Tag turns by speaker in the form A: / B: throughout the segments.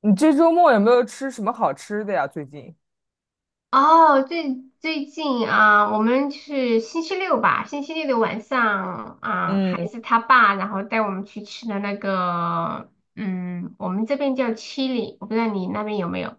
A: 你这周末有没有吃什么好吃的呀？最近？
B: 哦，最近啊，我们是星期六吧，星期六的晚上啊，孩
A: 嗯
B: 子他爸然后带我们去吃的那个，我们这边叫七里，我不知道你那边有没有？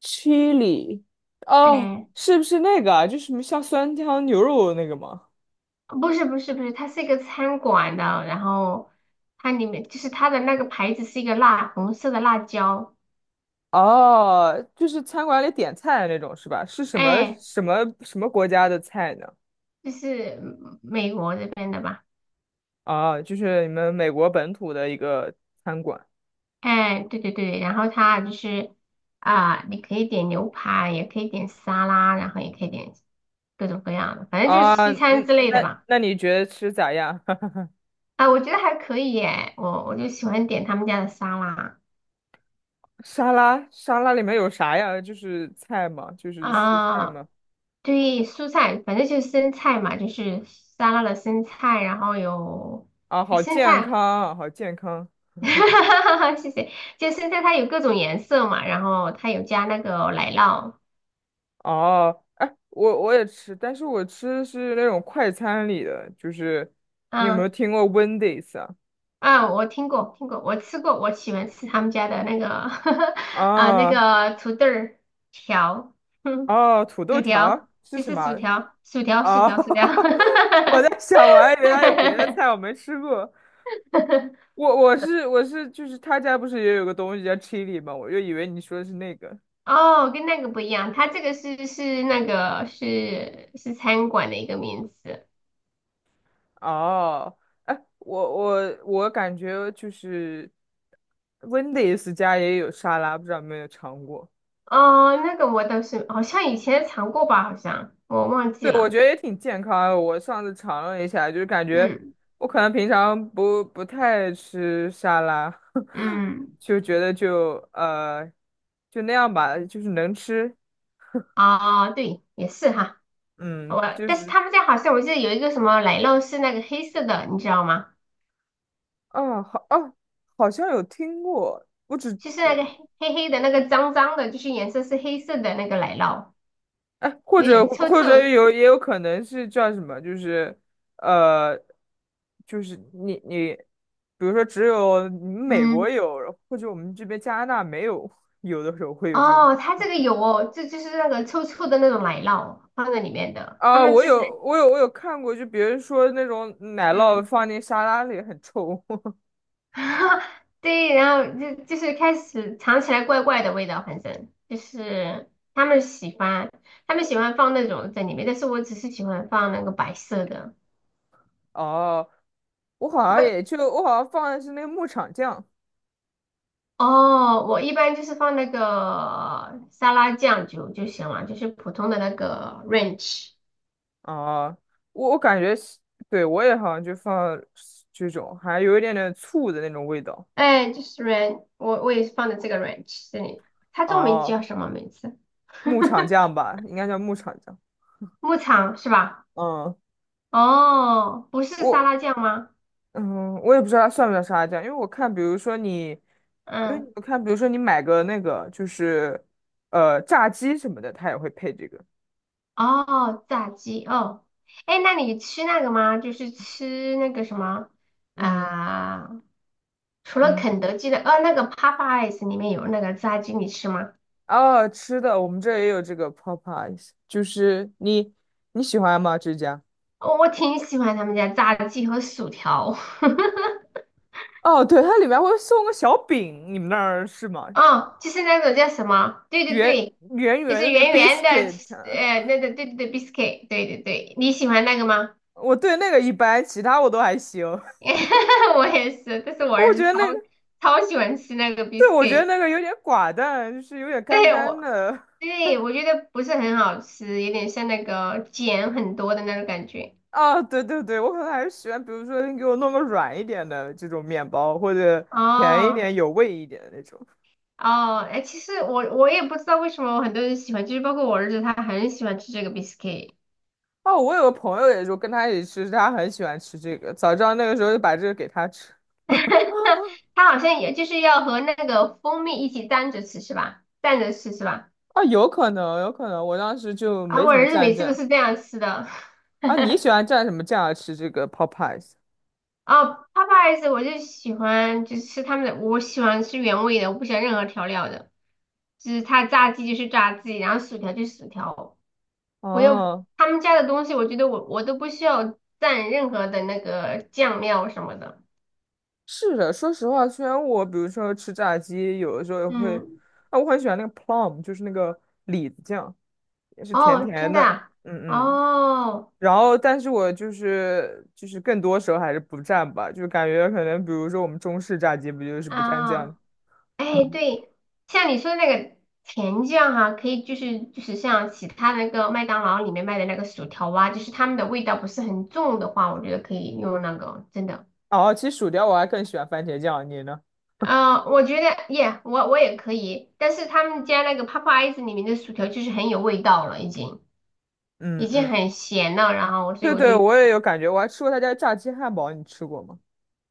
A: ，chili，哦，
B: 哎，
A: 是不是那个啊？就是什么像酸汤牛肉那个吗？
B: 不是不是不是，它是一个餐馆的，然后它里面就是它的那个牌子是一个辣红色的辣椒，
A: 哦，就是餐馆里点菜的那种是吧？是什么
B: 哎，
A: 什么什么国家的菜呢？
B: 就是美国这边的吧。
A: 啊，就是你们美国本土的一个餐馆
B: 哎，对对对，然后它就是啊、你可以点牛排，也可以点沙拉，然后也可以点各种各样的，反正就是
A: 啊。
B: 西餐
A: 嗯，
B: 之类的
A: 那
B: 吧。
A: 那你觉得吃咋样？
B: 啊，我觉得还可以耶，我就喜欢点他们家的沙拉
A: 沙拉里面有啥呀？就是菜吗？就是蔬菜
B: 啊，
A: 吗？
B: 对，蔬菜，反正就是生菜嘛，就是沙拉的生菜，然后
A: 啊，好
B: 生
A: 健
B: 菜，
A: 康啊好健康。
B: 哈哈哈谢谢，就生菜它有各种颜色嘛，然后它有加那个奶酪，
A: 哦，哎，我也吃，但是我吃的是那种快餐里的，就是你有没
B: 啊
A: 有听过 Wendy's 啊？
B: 啊，我听过，听过，我吃过，我喜欢吃他们家的那个 啊，那
A: 啊
B: 个土豆儿条，哼，
A: 哦，土豆
B: 薯
A: 条儿
B: 条，
A: 是
B: 就
A: 什
B: 是薯
A: 么？
B: 条，薯条，薯
A: 啊，
B: 条，薯条，
A: 我在想，我还以为他有别的菜我没吃过。我就是他家不是也有个东西叫 chili 吗？我就以为你说的是那个。
B: 哦，跟那个不一样，它这个是那个是餐馆的一个名字，
A: 哦，哎，我感觉就是 Wendy's 家也有沙拉，不知道有没有尝过。
B: 哦，那个我倒是好像以前尝过吧，好像我忘记
A: 对，我
B: 了，
A: 觉得也挺健康的。我上次尝了一下，就是感觉
B: 嗯
A: 我可能平常不太吃沙拉，
B: 嗯，
A: 就觉得就那样吧，就是能吃，
B: 哦，对，也是哈。
A: 嗯，就
B: 但是
A: 是
B: 他们家好像我记得有一个什么奶酪是那个黑色的，你知道吗？
A: 啊好啊，好像有听过，
B: 就是那个黑黑黑的那个脏脏的，就是颜色是黑色的那个奶酪，
A: 哎，或
B: 有
A: 者
B: 点臭
A: 或者
B: 臭。
A: 也有可能是叫什么，就是呃，就是你，比如说只有你们美国
B: 嗯，
A: 有，或者我们这边加拿大没有，有的时候会有这种。
B: 哦，它这个有哦，这就是那个臭臭的那种奶酪放在里面的，他
A: 啊，
B: 们
A: 我
B: 吃起来，
A: 有我有我有看过，就比如说那种奶酪
B: 嗯，
A: 放进沙拉里很臭。
B: 对，然后就是开始尝起来怪怪的味道，反正就是他们喜欢放那种在里面，但是我只是喜欢放那个白色的。
A: 哦，我好像
B: 我
A: 也就我好像放的是那个牧场酱。
B: 哦，我一般就是放那个沙拉酱就行了，就是普通的那个 ranch，
A: 哦，我感觉是，对，我也好像就放这种，还有一点点醋的那种味道。
B: 哎，就是 ranch，我也是放的这个 ranch 这里，它中文
A: 哦。
B: 叫什么名字？
A: 牧场酱吧，应该叫牧场酱。
B: 牧场是吧？
A: 嗯，
B: 哦，不是沙拉
A: 我
B: 酱吗？
A: 我也不知道它算不算沙拉酱，因为我看，比如说你，因为
B: 嗯，
A: 你我看，比如说你买个那个就是炸鸡什么的，它也会配这个。
B: 哦，炸鸡哦，哎，那你吃那个吗？就是吃那个什么
A: 嗯
B: 啊、除了
A: 嗯，
B: 肯德基的，那个 Popeyes 里面有那个炸鸡，你吃吗？
A: 哦，吃的我们这儿也有这个 Popeyes，就是你喜欢吗？这家？
B: 哦，我挺喜欢他们家炸鸡和薯条。
A: 哦，对，它里面会送个小饼，你们那儿是 吗？
B: 哦，就是那种叫什么？对对
A: 圆
B: 对，
A: 圆
B: 就
A: 圆
B: 是
A: 的那个
B: 圆圆的，
A: biscuit，
B: 那个对对对，biscuit，对对对，你喜欢那个吗？
A: 我对那个一般，其他我都还行。
B: 我也是，但是我儿
A: 我
B: 子
A: 觉得
B: 超
A: 那个。
B: 超喜欢吃那个
A: 对，我觉得
B: biscuit，
A: 那个有点寡淡，就是有点干
B: 对
A: 干
B: 我，
A: 的。
B: 对我觉得不是很好吃，有点像那个碱很多的那种感觉。
A: 啊，对对对，我可能还是喜欢，比如说你给我弄个软一点的这种面包，或者甜一
B: 哦
A: 点、有味一点的那种。
B: 哦，哎，其实我也不知道为什么很多人喜欢，就是包括我儿子，他很喜欢吃这个 biscuit。
A: 哦，我有个朋友也就跟他一起吃，他很喜欢吃这个，早知道那个时候就把这个给他吃。
B: 它好像也就是要和那个蜂蜜一起蘸着吃是吧？蘸着吃是吧？
A: 啊，有可能，有可能，我当时就
B: 啊，
A: 没
B: 我
A: 怎么
B: 儿子
A: 蘸
B: 每次都
A: 酱。
B: 是这样吃的。
A: 啊，你喜欢蘸什么酱啊吃这个 p o p e y e
B: 哦 p o p e y e 我就喜欢就是吃他们的，我喜欢吃原味的，我不喜欢任何调料的。就是它炸鸡就是炸鸡，然后薯条就是薯条。我又
A: 哦、
B: 他们家的东西，我觉得我都不需要蘸任何的那个酱料什么的。
A: 是的，说实话，虽然我比如说吃炸鸡，有的时候也会，
B: 嗯，
A: 啊，我很喜欢那个 plum，就是那个李子酱，也是甜
B: 哦，真
A: 甜
B: 的
A: 的，
B: 啊？
A: 嗯嗯。
B: 哦
A: 然后，但是我就是更多时候还是不蘸吧，就是感觉可能比如说我们中式炸鸡不就是不蘸酱
B: 啊。哎，对，像你说的那个甜酱哈、可以就是像其他的那个麦当劳里面卖的那个薯条啊，就是他们的味道不是很重的话，我觉得可以用那个，真的。
A: 哦，其实薯条我还更喜欢番茄酱，你呢？
B: 我觉得耶我也可以，但是他们家那个 p o p e y e 里面的薯条就是很有味道了，已经已
A: 嗯
B: 经
A: 嗯，
B: 很咸了，然后所以
A: 对
B: 我就，
A: 对，我也有感觉，我还吃过他家炸鸡汉堡，你吃过吗？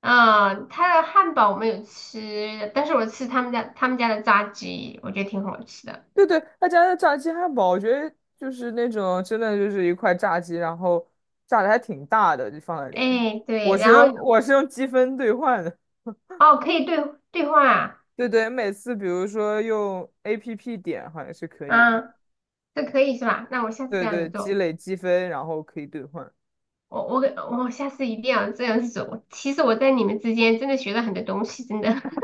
B: 他的汉堡我没有吃，但是我吃他们家的炸鸡，我觉得挺好吃的。
A: 对对，他家的炸鸡汉堡，我觉得就是那种真的就是一块炸鸡，然后炸的还挺大的，就放在里面。
B: 哎，对，
A: 我是
B: 然后
A: 用我是用积分兑换的，
B: 哦，可以兑换啊。
A: 对对，每次比如说用 APP 点好像是可以的，
B: 啊，这可以是吧？那我下次这
A: 对
B: 样
A: 对，
B: 子
A: 积
B: 做，
A: 累积分，然后可以兑换。
B: 我下次一定要这样子做。其实我在你们之间真的学了很多东西，真的，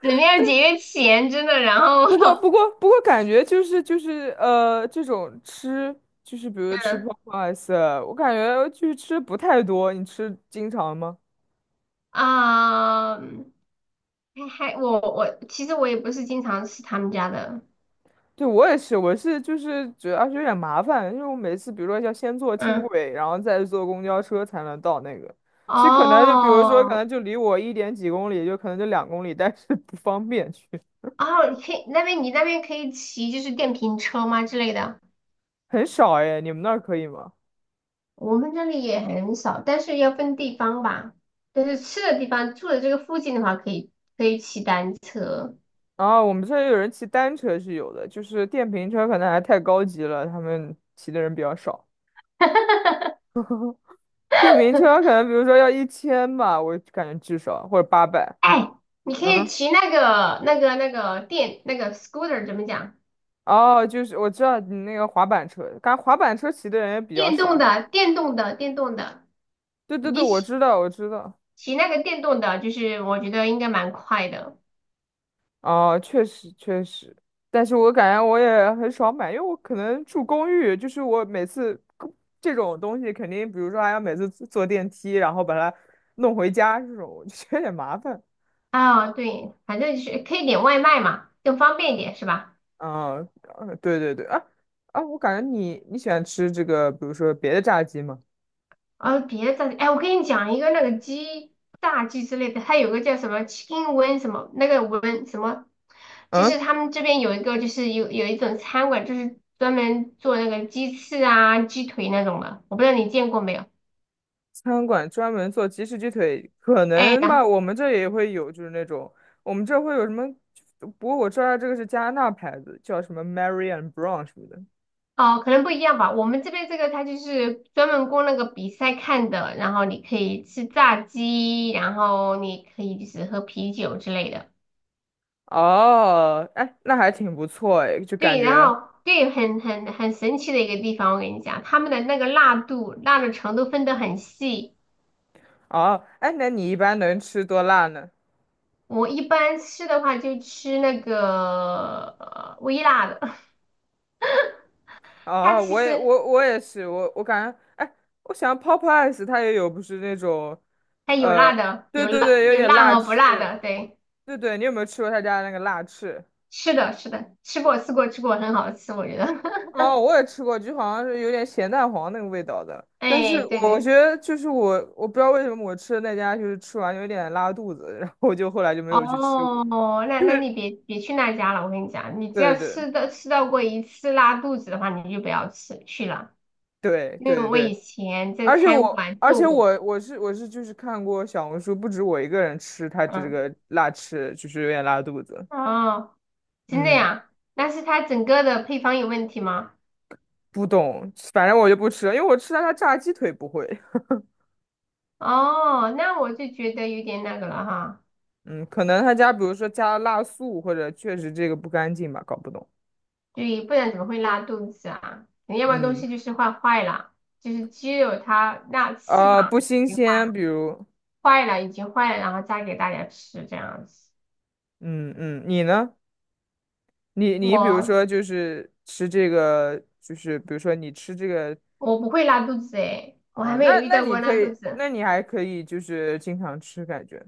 B: 怎么样节约钱，真的。然后，
A: 不过 不过不过，感觉就是这种吃就是比如吃 p
B: 嗯
A: o p e y e 我感觉就是吃不太多。你吃经常吗？
B: 啊，还我其实我也不是经常吃他们家的，
A: 对，我也是，我是就是主要是有点麻烦，因为我每次比如说要先坐轻
B: 嗯，
A: 轨，然后再坐公交车才能到那个。其实可能就比如说，可
B: 哦
A: 能就离我1.几公里，就可能就2公里，但是不方便去，
B: 哦，你那边可以骑就是电瓶车吗之类的？
A: 很少哎。你们那儿可以吗？
B: 我们这里也很少，但是要分地方吧。但是吃的地方，住的这个附近的话，可以骑单车。
A: 啊，我们这儿有人骑单车是有的，就是电瓶车可能还太高级了，他们骑的人比较少。电瓶车可能比如说要1000吧，我感觉至少或者800。
B: 哎，你可以
A: 嗯，
B: 骑那个电那个 scooter 怎么讲？
A: 哦，就是我知道你那个滑板车，感觉滑板车骑的人也比较
B: 电动
A: 少。
B: 的，电动的，电动的。
A: 对对对，
B: 你
A: 我
B: 骑
A: 知道，我知道。
B: 骑那个电动的，就是我觉得应该蛮快的。
A: 啊，确实确实，但是我感觉我也很少买，因为我可能住公寓，就是我每次这种东西肯定，比如说还要每次坐坐电梯，然后把它弄回家这种，我就觉得有点麻烦。
B: 啊，对，反正就是可以点外卖嘛，更方便一点是吧？
A: 啊，对对对，啊啊，我感觉你喜欢吃这个，比如说别的炸鸡吗？
B: 啊，别的炸鸡哎，我跟你讲一个那个炸鸡之类的，它有个叫什么 chicken wing 什么那个 wing 什么，就是
A: 嗯。
B: 他们这边有一个就是有一种餐馆，就是专门做那个鸡翅啊、鸡腿那种的，我不知道你见过没有？
A: 餐馆专门做鸡食鸡腿，可
B: 哎，
A: 能
B: 然
A: 吧，
B: 后
A: 我们这也会有，就是那种我们这会有什么？不过我知道这个是加拿大牌子，叫什么 Mary and Brown 什么的。
B: 哦，可能不一样吧。我们这边这个它就是专门供那个比赛看的，然后你可以吃炸鸡，然后你可以就是喝啤酒之类的。
A: 哦，哎，那还挺不错哎，就感
B: 对，然
A: 觉
B: 后对，很神奇的一个地方，我跟你讲，他们的那个辣度、辣的程度分得很细。
A: 哦，哎，那你一般能吃多辣呢？
B: 我一般吃的话就吃那个微辣的，它
A: 哦，
B: 其
A: 我也
B: 实
A: 我我也是，我感觉，哎，我想 Popeyes 它也有，不是那种，
B: 它有
A: 呃，
B: 辣的，
A: 对
B: 有
A: 对
B: 辣
A: 对，有
B: 有
A: 点
B: 辣
A: 辣
B: 和不辣
A: 翅，
B: 的。对，
A: 对对，你有没有吃过他家那个辣翅？
B: 是的，是的，吃过吃过吃过，很好吃，我觉得。
A: 哦，我也吃过，就好像是有点咸蛋黄那个味道的。但是
B: 哎，对
A: 我觉
B: 对，
A: 得就是我，我不知道为什么我吃的那家就是吃完有点拉肚子，然后我就后来就没有去吃过。
B: 哦，那
A: 就
B: 那
A: 是
B: 你别去那家了，我跟你讲，你只要
A: 对对
B: 吃到过一次拉肚子的话，你就不要吃去了。
A: 对
B: 因为
A: 对对
B: 我以
A: 对，
B: 前在
A: 而且
B: 餐
A: 我
B: 馆
A: 而
B: 做
A: 且
B: 过，
A: 我我是我是就是看过小红书，不止我一个人吃它这
B: 嗯，
A: 个辣翅，就是有点拉肚子。
B: 哦，真的
A: 嗯，
B: 呀？那是它整个的配方有问题吗？
A: 不懂，反正我就不吃了，因为我吃它炸鸡腿不会。
B: 哦，那我就觉得有点那个了哈，
A: 嗯，可能他家比如说加了辣素，或者确实这个不干净吧，搞不懂。
B: 对，不然怎么会拉肚子啊？你要么东
A: 嗯。
B: 西就是坏了，就是鸡肉它那翅膀
A: 不新
B: 已经坏
A: 鲜，
B: 了，
A: 比如，
B: 坏了已经坏了，然后再给大家吃这样子。
A: 嗯嗯，你呢？你比如
B: 我
A: 说就是吃这个，就是比如说你吃这个
B: 我不会拉肚子诶，我还
A: 啊、
B: 没有
A: 那
B: 遇
A: 那
B: 到
A: 你
B: 过
A: 可
B: 拉肚
A: 以，
B: 子。
A: 那你还可以就是经常吃，感觉，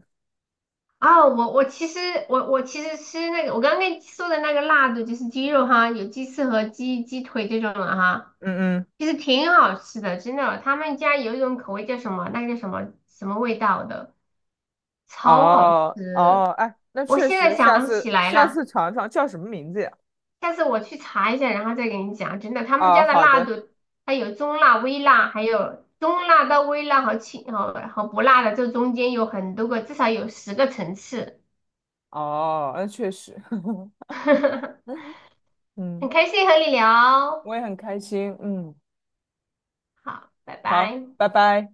B: 哦，我其实吃那个，我刚刚跟你说的那个辣的，就是鸡肉哈，有鸡翅和鸡腿这种的哈，
A: 嗯嗯，
B: 其实挺好吃的，真的。他们家有一种口味叫什么，那个叫什么什么味道的，超好
A: 哦哦，
B: 吃。
A: 哎，那
B: 我
A: 确
B: 现
A: 实，
B: 在想
A: 下
B: 不起
A: 次
B: 来
A: 下
B: 了，
A: 次尝尝叫什么名字呀？
B: 下次我去查一下，然后再给你讲。真的，他们
A: 啊、
B: 家的
A: 好
B: 辣
A: 的，
B: 度，它有中辣、微辣，还有中辣到微辣和轻和不辣的，这中间有很多个，至少有10个层次。
A: 哦，那确实，
B: 很
A: 嗯，
B: 开心和你聊，
A: 我也很开心，嗯，
B: 好，拜
A: 好，
B: 拜。
A: 拜拜。